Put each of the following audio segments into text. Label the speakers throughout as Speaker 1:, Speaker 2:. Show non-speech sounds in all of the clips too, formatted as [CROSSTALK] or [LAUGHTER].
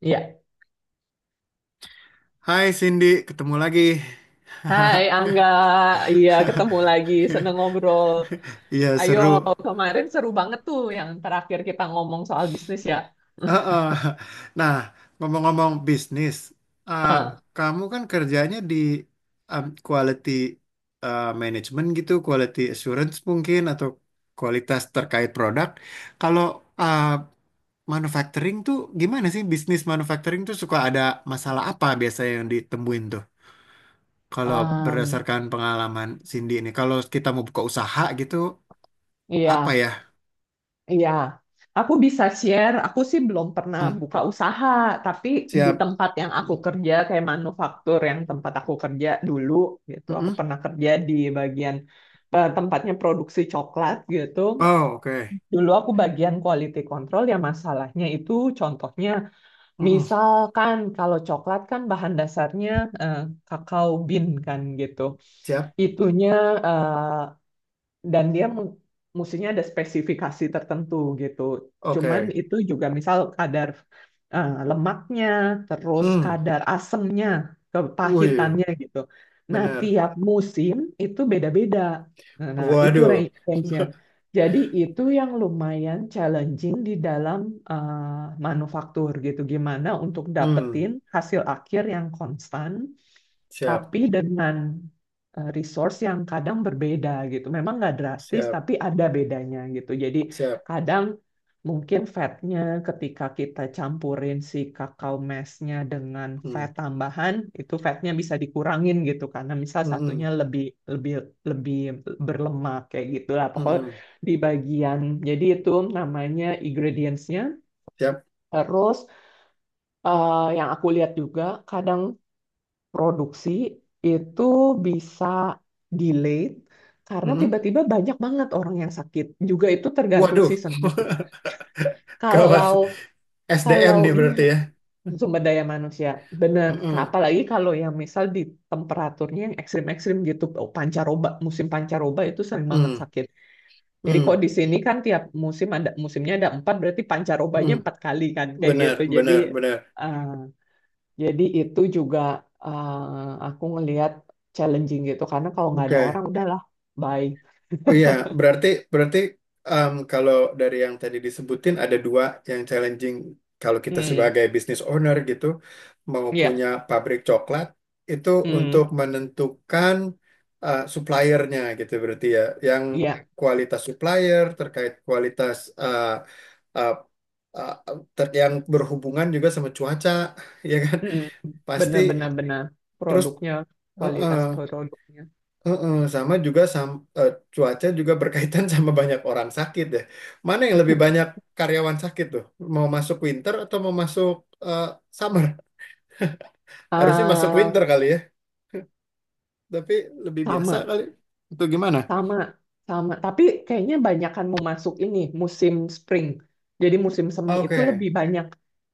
Speaker 1: Iya.
Speaker 2: Hai Cindy, ketemu lagi.
Speaker 1: Hai
Speaker 2: [LAUGHS]
Speaker 1: Angga, iya ketemu lagi, seneng ngobrol.
Speaker 2: Iya,
Speaker 1: Ayo,
Speaker 2: seru.
Speaker 1: kemarin seru banget tuh yang terakhir kita ngomong soal bisnis ya.
Speaker 2: Heeh. Nah, ngomong-ngomong bisnis, ah,
Speaker 1: Ah,
Speaker 2: kamu kan kerjanya di quality management gitu, quality assurance mungkin, atau kualitas terkait produk. Kalau ah, manufacturing tuh gimana sih, bisnis manufacturing tuh suka ada masalah apa biasanya yang ditemuin tuh? Kalau
Speaker 1: em,
Speaker 2: berdasarkan pengalaman Cindy ini, kalau kita mau buka usaha gitu, apa
Speaker 1: iya,
Speaker 2: ya?
Speaker 1: iya. Aku bisa share, aku sih belum pernah
Speaker 2: Hmm.
Speaker 1: buka usaha, tapi di
Speaker 2: Siap.
Speaker 1: tempat yang aku kerja, kayak manufaktur yang tempat aku kerja dulu gitu, aku
Speaker 2: Mm-mm.
Speaker 1: pernah kerja di bagian tempatnya produksi coklat gitu.
Speaker 2: Oh, oke.
Speaker 1: Dulu aku bagian quality control, ya masalahnya itu contohnya
Speaker 2: Mm-mm.
Speaker 1: misalkan kalau coklat kan bahan dasarnya eh, kakao bean kan gitu.
Speaker 2: Siap.
Speaker 1: Itunya eh, dan dia mestinya ada spesifikasi tertentu gitu. Cuman
Speaker 2: Oke.
Speaker 1: itu juga misal kadar lemaknya, terus
Speaker 2: Hmm.
Speaker 1: kadar asemnya,
Speaker 2: Wih,
Speaker 1: kepahitannya gitu. Nah,
Speaker 2: bener.
Speaker 1: tiap musim itu beda-beda. Nah, nah, itu
Speaker 2: Waduh.
Speaker 1: range-nya. Jadi itu yang lumayan challenging di dalam manufaktur gitu. Gimana untuk
Speaker 2: Hmm.
Speaker 1: dapetin hasil akhir yang konstan,
Speaker 2: Siap.
Speaker 1: tapi dengan resource yang kadang berbeda gitu. Memang nggak drastis,
Speaker 2: Siap.
Speaker 1: tapi ada bedanya gitu. Jadi
Speaker 2: Siap.
Speaker 1: kadang mungkin fatnya ketika kita campurin si kakao mesnya dengan
Speaker 2: Hmm.
Speaker 1: fat tambahan, itu fatnya bisa dikurangin gitu karena misal satunya
Speaker 2: Mm-mm.
Speaker 1: lebih lebih lebih berlemak kayak gitulah. Pokoknya
Speaker 2: Mm-mm.
Speaker 1: di bagian jadi itu namanya ingredientsnya.
Speaker 2: Siap.
Speaker 1: Terus yang aku lihat juga kadang produksi itu bisa delayed karena
Speaker 2: Mm-mm.
Speaker 1: tiba-tiba banyak banget orang yang sakit. Juga itu tergantung
Speaker 2: Waduh.
Speaker 1: season gitu.
Speaker 2: [LAUGHS] Gawat.
Speaker 1: Kalau
Speaker 2: SDM
Speaker 1: kalau
Speaker 2: nih
Speaker 1: iya,
Speaker 2: berarti ya.
Speaker 1: sumber daya manusia benar.
Speaker 2: Mm-mm.
Speaker 1: Apalagi kalau yang misal di temperaturnya yang ekstrim-ekstrim gitu, oh, pancaroba, musim pancaroba itu sering banget
Speaker 2: Mm.
Speaker 1: sakit. Jadi
Speaker 2: Mm.
Speaker 1: kok di sini kan tiap musim ada musimnya, ada empat, berarti pancarobanya
Speaker 2: Mm.
Speaker 1: empat kali kan kayak
Speaker 2: Benar,
Speaker 1: gitu. Jadi
Speaker 2: benar, benar.
Speaker 1: eh, jadi itu juga eh, aku ngelihat challenging gitu karena kalau nggak ada
Speaker 2: Oke.
Speaker 1: orang udahlah bye.
Speaker 2: Oh iya, berarti berarti kalau dari yang tadi disebutin ada dua yang challenging, kalau kita
Speaker 1: Hmm,
Speaker 2: sebagai business owner gitu mau punya
Speaker 1: iya,
Speaker 2: pabrik coklat, itu untuk
Speaker 1: hmm,
Speaker 2: menentukan suppliernya gitu, berarti ya, yang
Speaker 1: iya,
Speaker 2: kualitas supplier terkait kualitas, eh, eh, eh, yang berhubungan juga sama cuaca, [LAUGHS] ya kan,
Speaker 1: hmm,
Speaker 2: pasti,
Speaker 1: benar-benar benar
Speaker 2: terus
Speaker 1: produknya,
Speaker 2: eh, eh,
Speaker 1: kualitas produknya.
Speaker 2: Heeh, sama juga cuaca juga berkaitan, [LAUGHS] sama banyak orang sakit ya. Mana yang lebih banyak karyawan sakit tuh? Mau masuk winter atau mau masuk eh, summer? Harusnya masuk
Speaker 1: ah
Speaker 2: winter kali ya, tapi lebih biasa
Speaker 1: Sama,
Speaker 2: kali. Itu gimana?
Speaker 1: sama, sama. Tapi kayaknya banyakan mau masuk ini musim spring. Jadi musim semi itu lebih
Speaker 2: Oke.
Speaker 1: banyak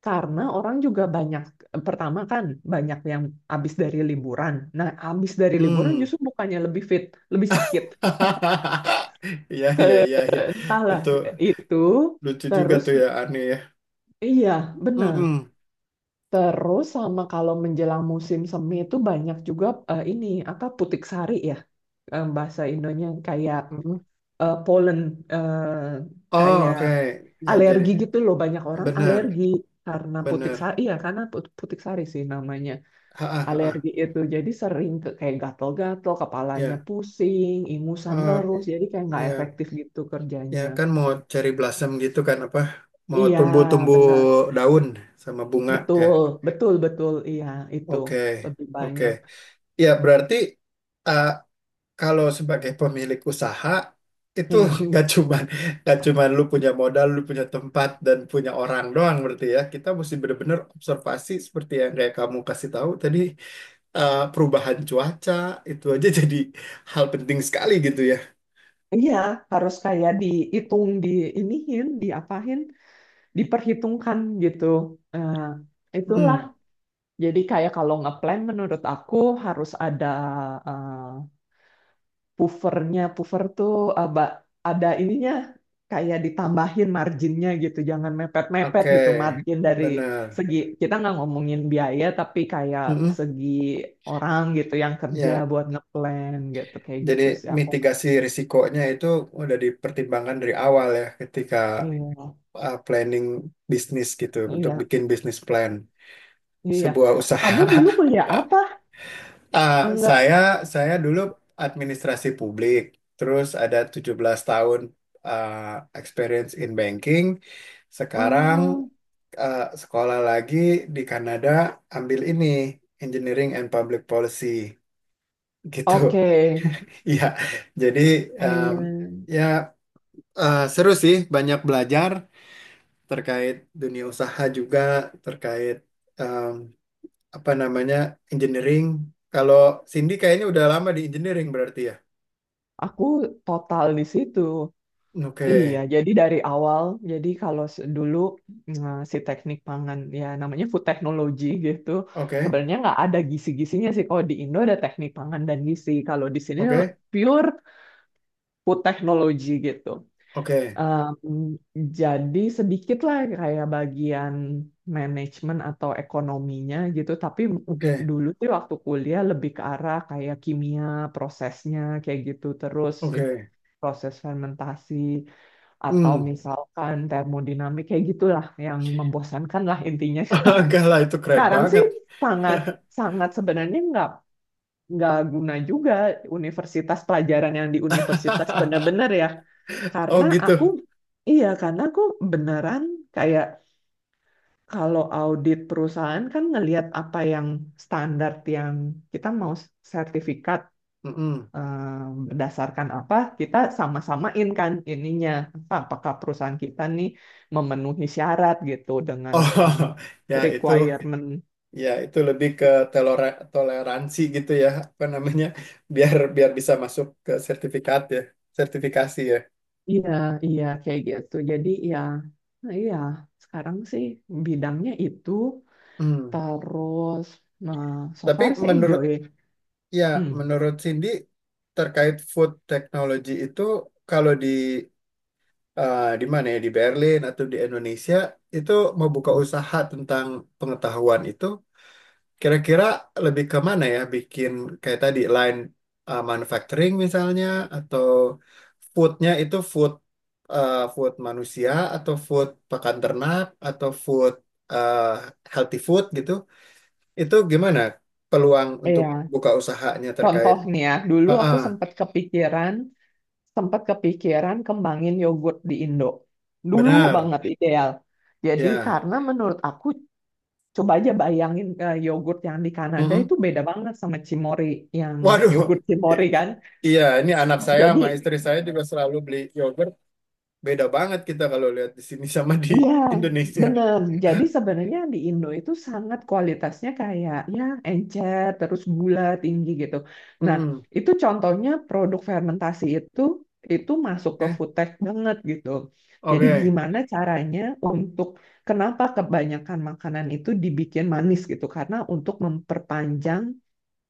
Speaker 1: karena orang juga banyak pertama kan banyak yang habis dari liburan. Nah, habis dari liburan
Speaker 2: Hmm.
Speaker 1: justru bukannya lebih fit, lebih sakit.
Speaker 2: [LAUGHS] Iya, iya, iya, iya.
Speaker 1: Entahlah
Speaker 2: Itu
Speaker 1: itu,
Speaker 2: lucu juga
Speaker 1: terus
Speaker 2: tuh ya, aneh ya.
Speaker 1: iya benar,
Speaker 2: Mm-mm.
Speaker 1: terus sama kalau menjelang musim semi itu banyak juga ini apa putik sari ya, bahasa Indonya kayak
Speaker 2: Mm-mm.
Speaker 1: pollen, eh,
Speaker 2: Oh,
Speaker 1: kayak
Speaker 2: oke. Ya, jadi
Speaker 1: alergi gitu loh, banyak orang
Speaker 2: benar,
Speaker 1: alergi karena putik
Speaker 2: benar.
Speaker 1: sari, iya karena putik sari sih namanya,
Speaker 2: Ha, ha, ha,
Speaker 1: alergi
Speaker 2: ha.
Speaker 1: itu jadi sering ke, kayak gatel-gatel, kepalanya
Speaker 2: Ya.
Speaker 1: pusing, ingusan,
Speaker 2: Oh,
Speaker 1: terus jadi kayak nggak
Speaker 2: ya.
Speaker 1: efektif gitu
Speaker 2: Ya
Speaker 1: kerjanya.
Speaker 2: kan, mau cherry blossom gitu kan, apa? Mau
Speaker 1: Iya,
Speaker 2: tumbuh-tumbuh
Speaker 1: benar.
Speaker 2: daun sama bunga ya.
Speaker 1: Betul, betul, betul. Iya, itu
Speaker 2: Oke,
Speaker 1: lebih
Speaker 2: oke.
Speaker 1: banyak.
Speaker 2: Ya berarti, eh, kalau sebagai pemilik usaha itu,
Speaker 1: Hmm.
Speaker 2: [LAUGHS] nggak cuman nggak cuman lu punya modal, lu punya tempat dan punya orang doang, berarti ya. Kita mesti benar-benar observasi seperti yang kayak kamu kasih tahu tadi, perubahan cuaca itu aja, [LAUGHS] jadi hal penting sekali gitu ya.
Speaker 1: Iya, harus kayak dihitung, diiniin, diapain, diperhitungkan gitu. Eh, itulah.
Speaker 2: Hmm,
Speaker 1: Jadi kayak kalau ngeplan menurut aku harus ada eh, puffernya. Puffer tuh aba, ada ininya, kayak ditambahin marginnya gitu, jangan mepet-mepet
Speaker 2: oke,
Speaker 1: gitu margin dari
Speaker 2: benar.
Speaker 1: segi, kita nggak ngomongin biaya tapi kayak
Speaker 2: Mm-mm.
Speaker 1: segi orang gitu yang kerja
Speaker 2: Ya.
Speaker 1: buat ngeplan, gitu kayak
Speaker 2: Jadi
Speaker 1: gitu sih aku.
Speaker 2: mitigasi risikonya itu udah dipertimbangkan dari awal ya, ketika
Speaker 1: Iya,
Speaker 2: planning bisnis gitu untuk
Speaker 1: iya,
Speaker 2: bikin bisnis plan
Speaker 1: iya.
Speaker 2: sebuah
Speaker 1: Kamu
Speaker 2: usaha.
Speaker 1: dulu kuliah apa?
Speaker 2: [LAUGHS] Ah, saya
Speaker 1: Enggak.
Speaker 2: saya dulu administrasi publik, terus ada 17 tahun ah, experience in banking. Sekarang
Speaker 1: Oh,
Speaker 2: sekolah lagi di Kanada, ambil ini Engineering and Public Policy gitu.
Speaker 1: oke.
Speaker 2: [LAUGHS] Iya. Jadi em,
Speaker 1: Iya.
Speaker 2: ya, seru sih, banyak belajar terkait dunia usaha juga, terkait em, apa namanya engineering. Kalau Cindy kayaknya udah lama di engineering berarti ya.
Speaker 1: Aku total di situ.
Speaker 2: Oke,
Speaker 1: Iya, jadi dari awal, jadi kalau dulu si teknik pangan, ya namanya food technology gitu,
Speaker 2: oke,
Speaker 1: sebenarnya nggak ada gizi-gizinya sih. Kalau di Indo ada teknik pangan dan gizi, kalau di sini
Speaker 2: oke,
Speaker 1: pure food technology gitu.
Speaker 2: oke,
Speaker 1: Em, jadi sedikit lah kayak bagian manajemen atau ekonominya gitu, tapi
Speaker 2: oke,
Speaker 1: dulu tuh waktu kuliah lebih ke arah kayak kimia, prosesnya kayak gitu, terus
Speaker 2: oke.
Speaker 1: proses fermentasi atau
Speaker 2: Hmm,
Speaker 1: misalkan termodinamik kayak gitulah, yang membosankan lah intinya.
Speaker 2: [LAUGHS] enggak lah, itu keren
Speaker 1: Sekarang sih
Speaker 2: banget.
Speaker 1: sangat sangat sebenarnya nggak guna juga universitas, pelajaran yang di universitas
Speaker 2: [LAUGHS]
Speaker 1: benar-benar ya. Karena
Speaker 2: Oh
Speaker 1: aku,
Speaker 2: gitu.
Speaker 1: iya karena aku beneran kayak kalau audit perusahaan kan ngelihat apa yang standar yang kita mau sertifikat
Speaker 2: Mm-mm.
Speaker 1: berdasarkan apa, kita sama-samain kan ininya, apa apakah perusahaan kita nih memenuhi syarat gitu dengan em,
Speaker 2: Oh, [LAUGHS] ya itu.
Speaker 1: requirement.
Speaker 2: Ya, itu lebih ke toleransi gitu ya, apa namanya, biar biar bisa masuk ke sertifikat ya, sertifikasi ya.
Speaker 1: Iya, iya kayak gitu jadi ya, nah iya, sekarang sih bidangnya itu,
Speaker 2: Hmm.
Speaker 1: terus nah, so
Speaker 2: Tapi
Speaker 1: far sih enjoy.
Speaker 2: ya,
Speaker 1: Hmm.
Speaker 2: menurut Cindy terkait food technology itu, kalau di mana ya, di Berlin atau di Indonesia, itu mau buka
Speaker 1: Hmm.
Speaker 2: usaha tentang pengetahuan itu. Kira-kira lebih ke mana ya? Bikin kayak tadi, line manufacturing misalnya, atau foodnya itu, food food manusia, atau food pakan ternak, atau food uh, healthy food gitu. Itu gimana peluang untuk
Speaker 1: Iya,
Speaker 2: buka usahanya terkait?
Speaker 1: contoh nih ya, dulu
Speaker 2: Ha,
Speaker 1: aku sempat kepikiran, sempat kepikiran kembangin yogurt di Indo. Dulu
Speaker 2: benar.
Speaker 1: banget ideal. Jadi
Speaker 2: Ya.
Speaker 1: karena menurut aku coba aja bayangin, yogurt yang di Kanada
Speaker 2: Mm-mm.
Speaker 1: itu beda banget sama Cimory, yang
Speaker 2: Waduh.
Speaker 1: yogurt Cimory kan.
Speaker 2: [LAUGHS] Iya, ini anak saya sama
Speaker 1: Jadi
Speaker 2: istri saya juga selalu beli yogurt. Beda banget kita kalau lihat di sini sama di
Speaker 1: iya,
Speaker 2: Indonesia.
Speaker 1: bener. Jadi sebenarnya di Indo itu sangat kualitasnya kayak ya encer, terus gula tinggi gitu. Nah,
Speaker 2: Mm-mm.
Speaker 1: itu contohnya produk fermentasi itu masuk ke
Speaker 2: Oke.
Speaker 1: food tech banget gitu. Jadi
Speaker 2: Oke,
Speaker 1: gimana caranya untuk, kenapa kebanyakan makanan itu dibikin manis gitu? Karena untuk memperpanjang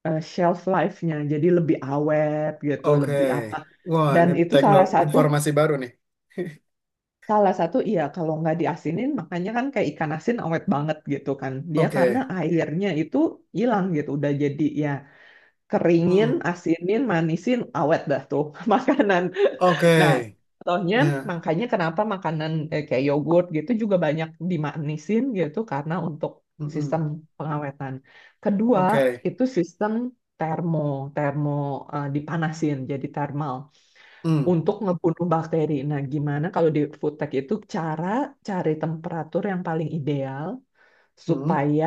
Speaker 1: shelf life-nya, jadi lebih awet gitu,
Speaker 2: oke.
Speaker 1: lebih apa.
Speaker 2: Wah,
Speaker 1: Dan
Speaker 2: ini
Speaker 1: itu salah
Speaker 2: teknologi
Speaker 1: satu,
Speaker 2: informasi baru nih.
Speaker 1: salah satu, iya kalau nggak diasinin, makanya kan kayak ikan asin awet banget gitu kan. Dia karena
Speaker 2: Oke.
Speaker 1: airnya itu hilang gitu, udah jadi ya, keringin,
Speaker 2: Hmm.
Speaker 1: asinin, manisin, awet dah tuh [LAUGHS] makanan.
Speaker 2: Oke.
Speaker 1: Nah, contohnya
Speaker 2: Ya.
Speaker 1: makanya kenapa makanan kayak yogurt gitu juga banyak dimanisin gitu karena untuk
Speaker 2: Mm-mm.
Speaker 1: sistem pengawetan. Kedua,
Speaker 2: Oke.
Speaker 1: itu sistem termo, termo dipanasin, jadi thermal
Speaker 2: Hmm.
Speaker 1: untuk ngebunuh bakteri. Nah, gimana kalau di food tech itu cara cari temperatur yang paling ideal
Speaker 2: Hmm.
Speaker 1: supaya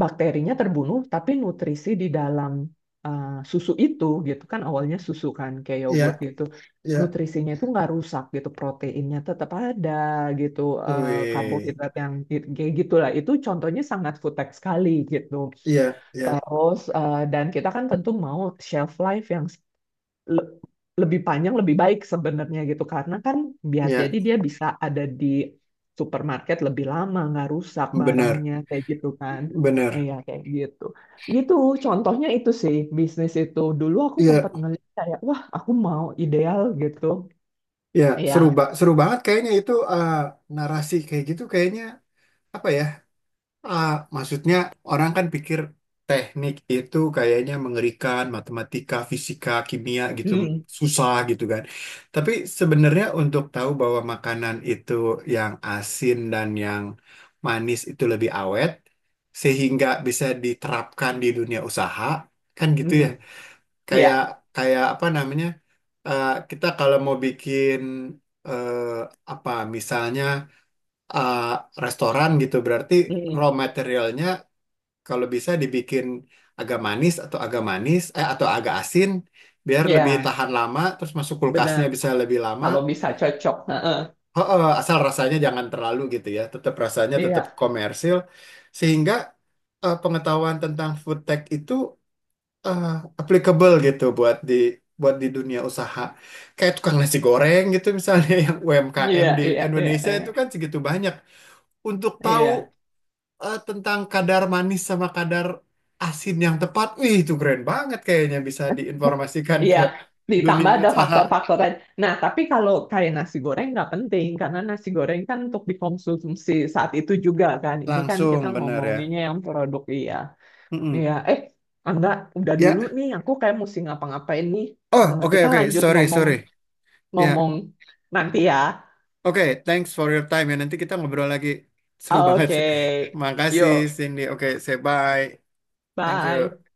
Speaker 1: bakterinya terbunuh, tapi nutrisi di dalam eh, susu itu gitu kan, awalnya susu kan kayak yogurt
Speaker 2: Ya,
Speaker 1: gitu.
Speaker 2: ya.
Speaker 1: Nutrisinya itu nggak rusak gitu, proteinnya tetap ada gitu,
Speaker 2: Wih.
Speaker 1: karbohidrat yang kayak gitulah. Itu contohnya sangat food tech sekali gitu.
Speaker 2: Iya, ya,
Speaker 1: Terus dan kita kan tentu mau shelf life yang le- lebih panjang, lebih baik sebenarnya gitu karena kan biar
Speaker 2: ya.
Speaker 1: jadi dia bisa ada di supermarket lebih lama, nggak rusak
Speaker 2: Benar.
Speaker 1: barangnya kayak gitu kan,
Speaker 2: Benar.
Speaker 1: iya kayak gitu gitu, contohnya itu sih bisnis itu dulu aku
Speaker 2: Iya,
Speaker 1: sempat ngeliat kayak wah aku mau ideal gitu.
Speaker 2: ya. Seru,
Speaker 1: Iya,
Speaker 2: seru banget kayaknya itu, narasi kayak gitu kayaknya, apa ya? Ah, maksudnya, orang kan pikir teknik itu kayaknya mengerikan, matematika, fisika, kimia gitu,
Speaker 1: hmm,
Speaker 2: susah gitu kan. Tapi sebenarnya untuk tahu bahwa makanan itu yang asin dan yang manis itu lebih awet, sehingga bisa diterapkan di dunia usaha, kan gitu
Speaker 1: hmm,
Speaker 2: ya.
Speaker 1: iya,
Speaker 2: Kayak kayak apa namanya? Kita kalau mau bikin eh, apa, misalnya eh, restoran gitu, berarti
Speaker 1: hmm,
Speaker 2: raw materialnya kalau bisa dibikin agak manis, atau agak manis eh atau agak asin, biar
Speaker 1: iya,
Speaker 2: lebih tahan lama, terus masuk
Speaker 1: benar
Speaker 2: kulkasnya bisa lebih lama.
Speaker 1: kalau bisa cocok. Heeh.
Speaker 2: Oh, oh, asal rasanya jangan terlalu gitu ya, tetap rasanya tetap
Speaker 1: Iya,
Speaker 2: komersil, sehingga pengetahuan tentang food tech itu eh, applicable gitu buat di, dunia usaha, kayak tukang nasi goreng gitu misalnya, [LAUGHS] yang UMKM
Speaker 1: iya,
Speaker 2: di
Speaker 1: iya, iya,
Speaker 2: Indonesia
Speaker 1: iya.
Speaker 2: itu kan segitu banyak, untuk tahu
Speaker 1: Iya.
Speaker 2: tentang kadar manis sama kadar asin yang tepat. Wih, itu keren banget, kayaknya bisa diinformasikan
Speaker 1: Iya,
Speaker 2: ke dunia
Speaker 1: ditambah ada
Speaker 2: usaha
Speaker 1: faktor-faktor lain. Nah, tapi kalau kayak nasi goreng nggak penting, karena nasi goreng kan untuk dikonsumsi saat itu juga kan. Ini kan
Speaker 2: langsung,
Speaker 1: kita
Speaker 2: bener ya.
Speaker 1: ngomonginnya yang produk, iya.
Speaker 2: Mm-mm.
Speaker 1: Iya, eh, Angga, udah dulu
Speaker 2: Ya,
Speaker 1: nih, aku kayak mesti ngapa-ngapain nih.
Speaker 2: oh,
Speaker 1: Eh,
Speaker 2: oke,
Speaker 1: kita
Speaker 2: oke,
Speaker 1: lanjut
Speaker 2: sorry,
Speaker 1: ngomong-ngomong
Speaker 2: sorry. Ya,
Speaker 1: nanti ya.
Speaker 2: oke, thanks for your time ya. Nanti kita ngobrol lagi. Seru banget.
Speaker 1: Oke,
Speaker 2: [LAUGHS] Makasih
Speaker 1: yuk,
Speaker 2: Cindy. Oke, say bye. Thank
Speaker 1: bye.
Speaker 2: you.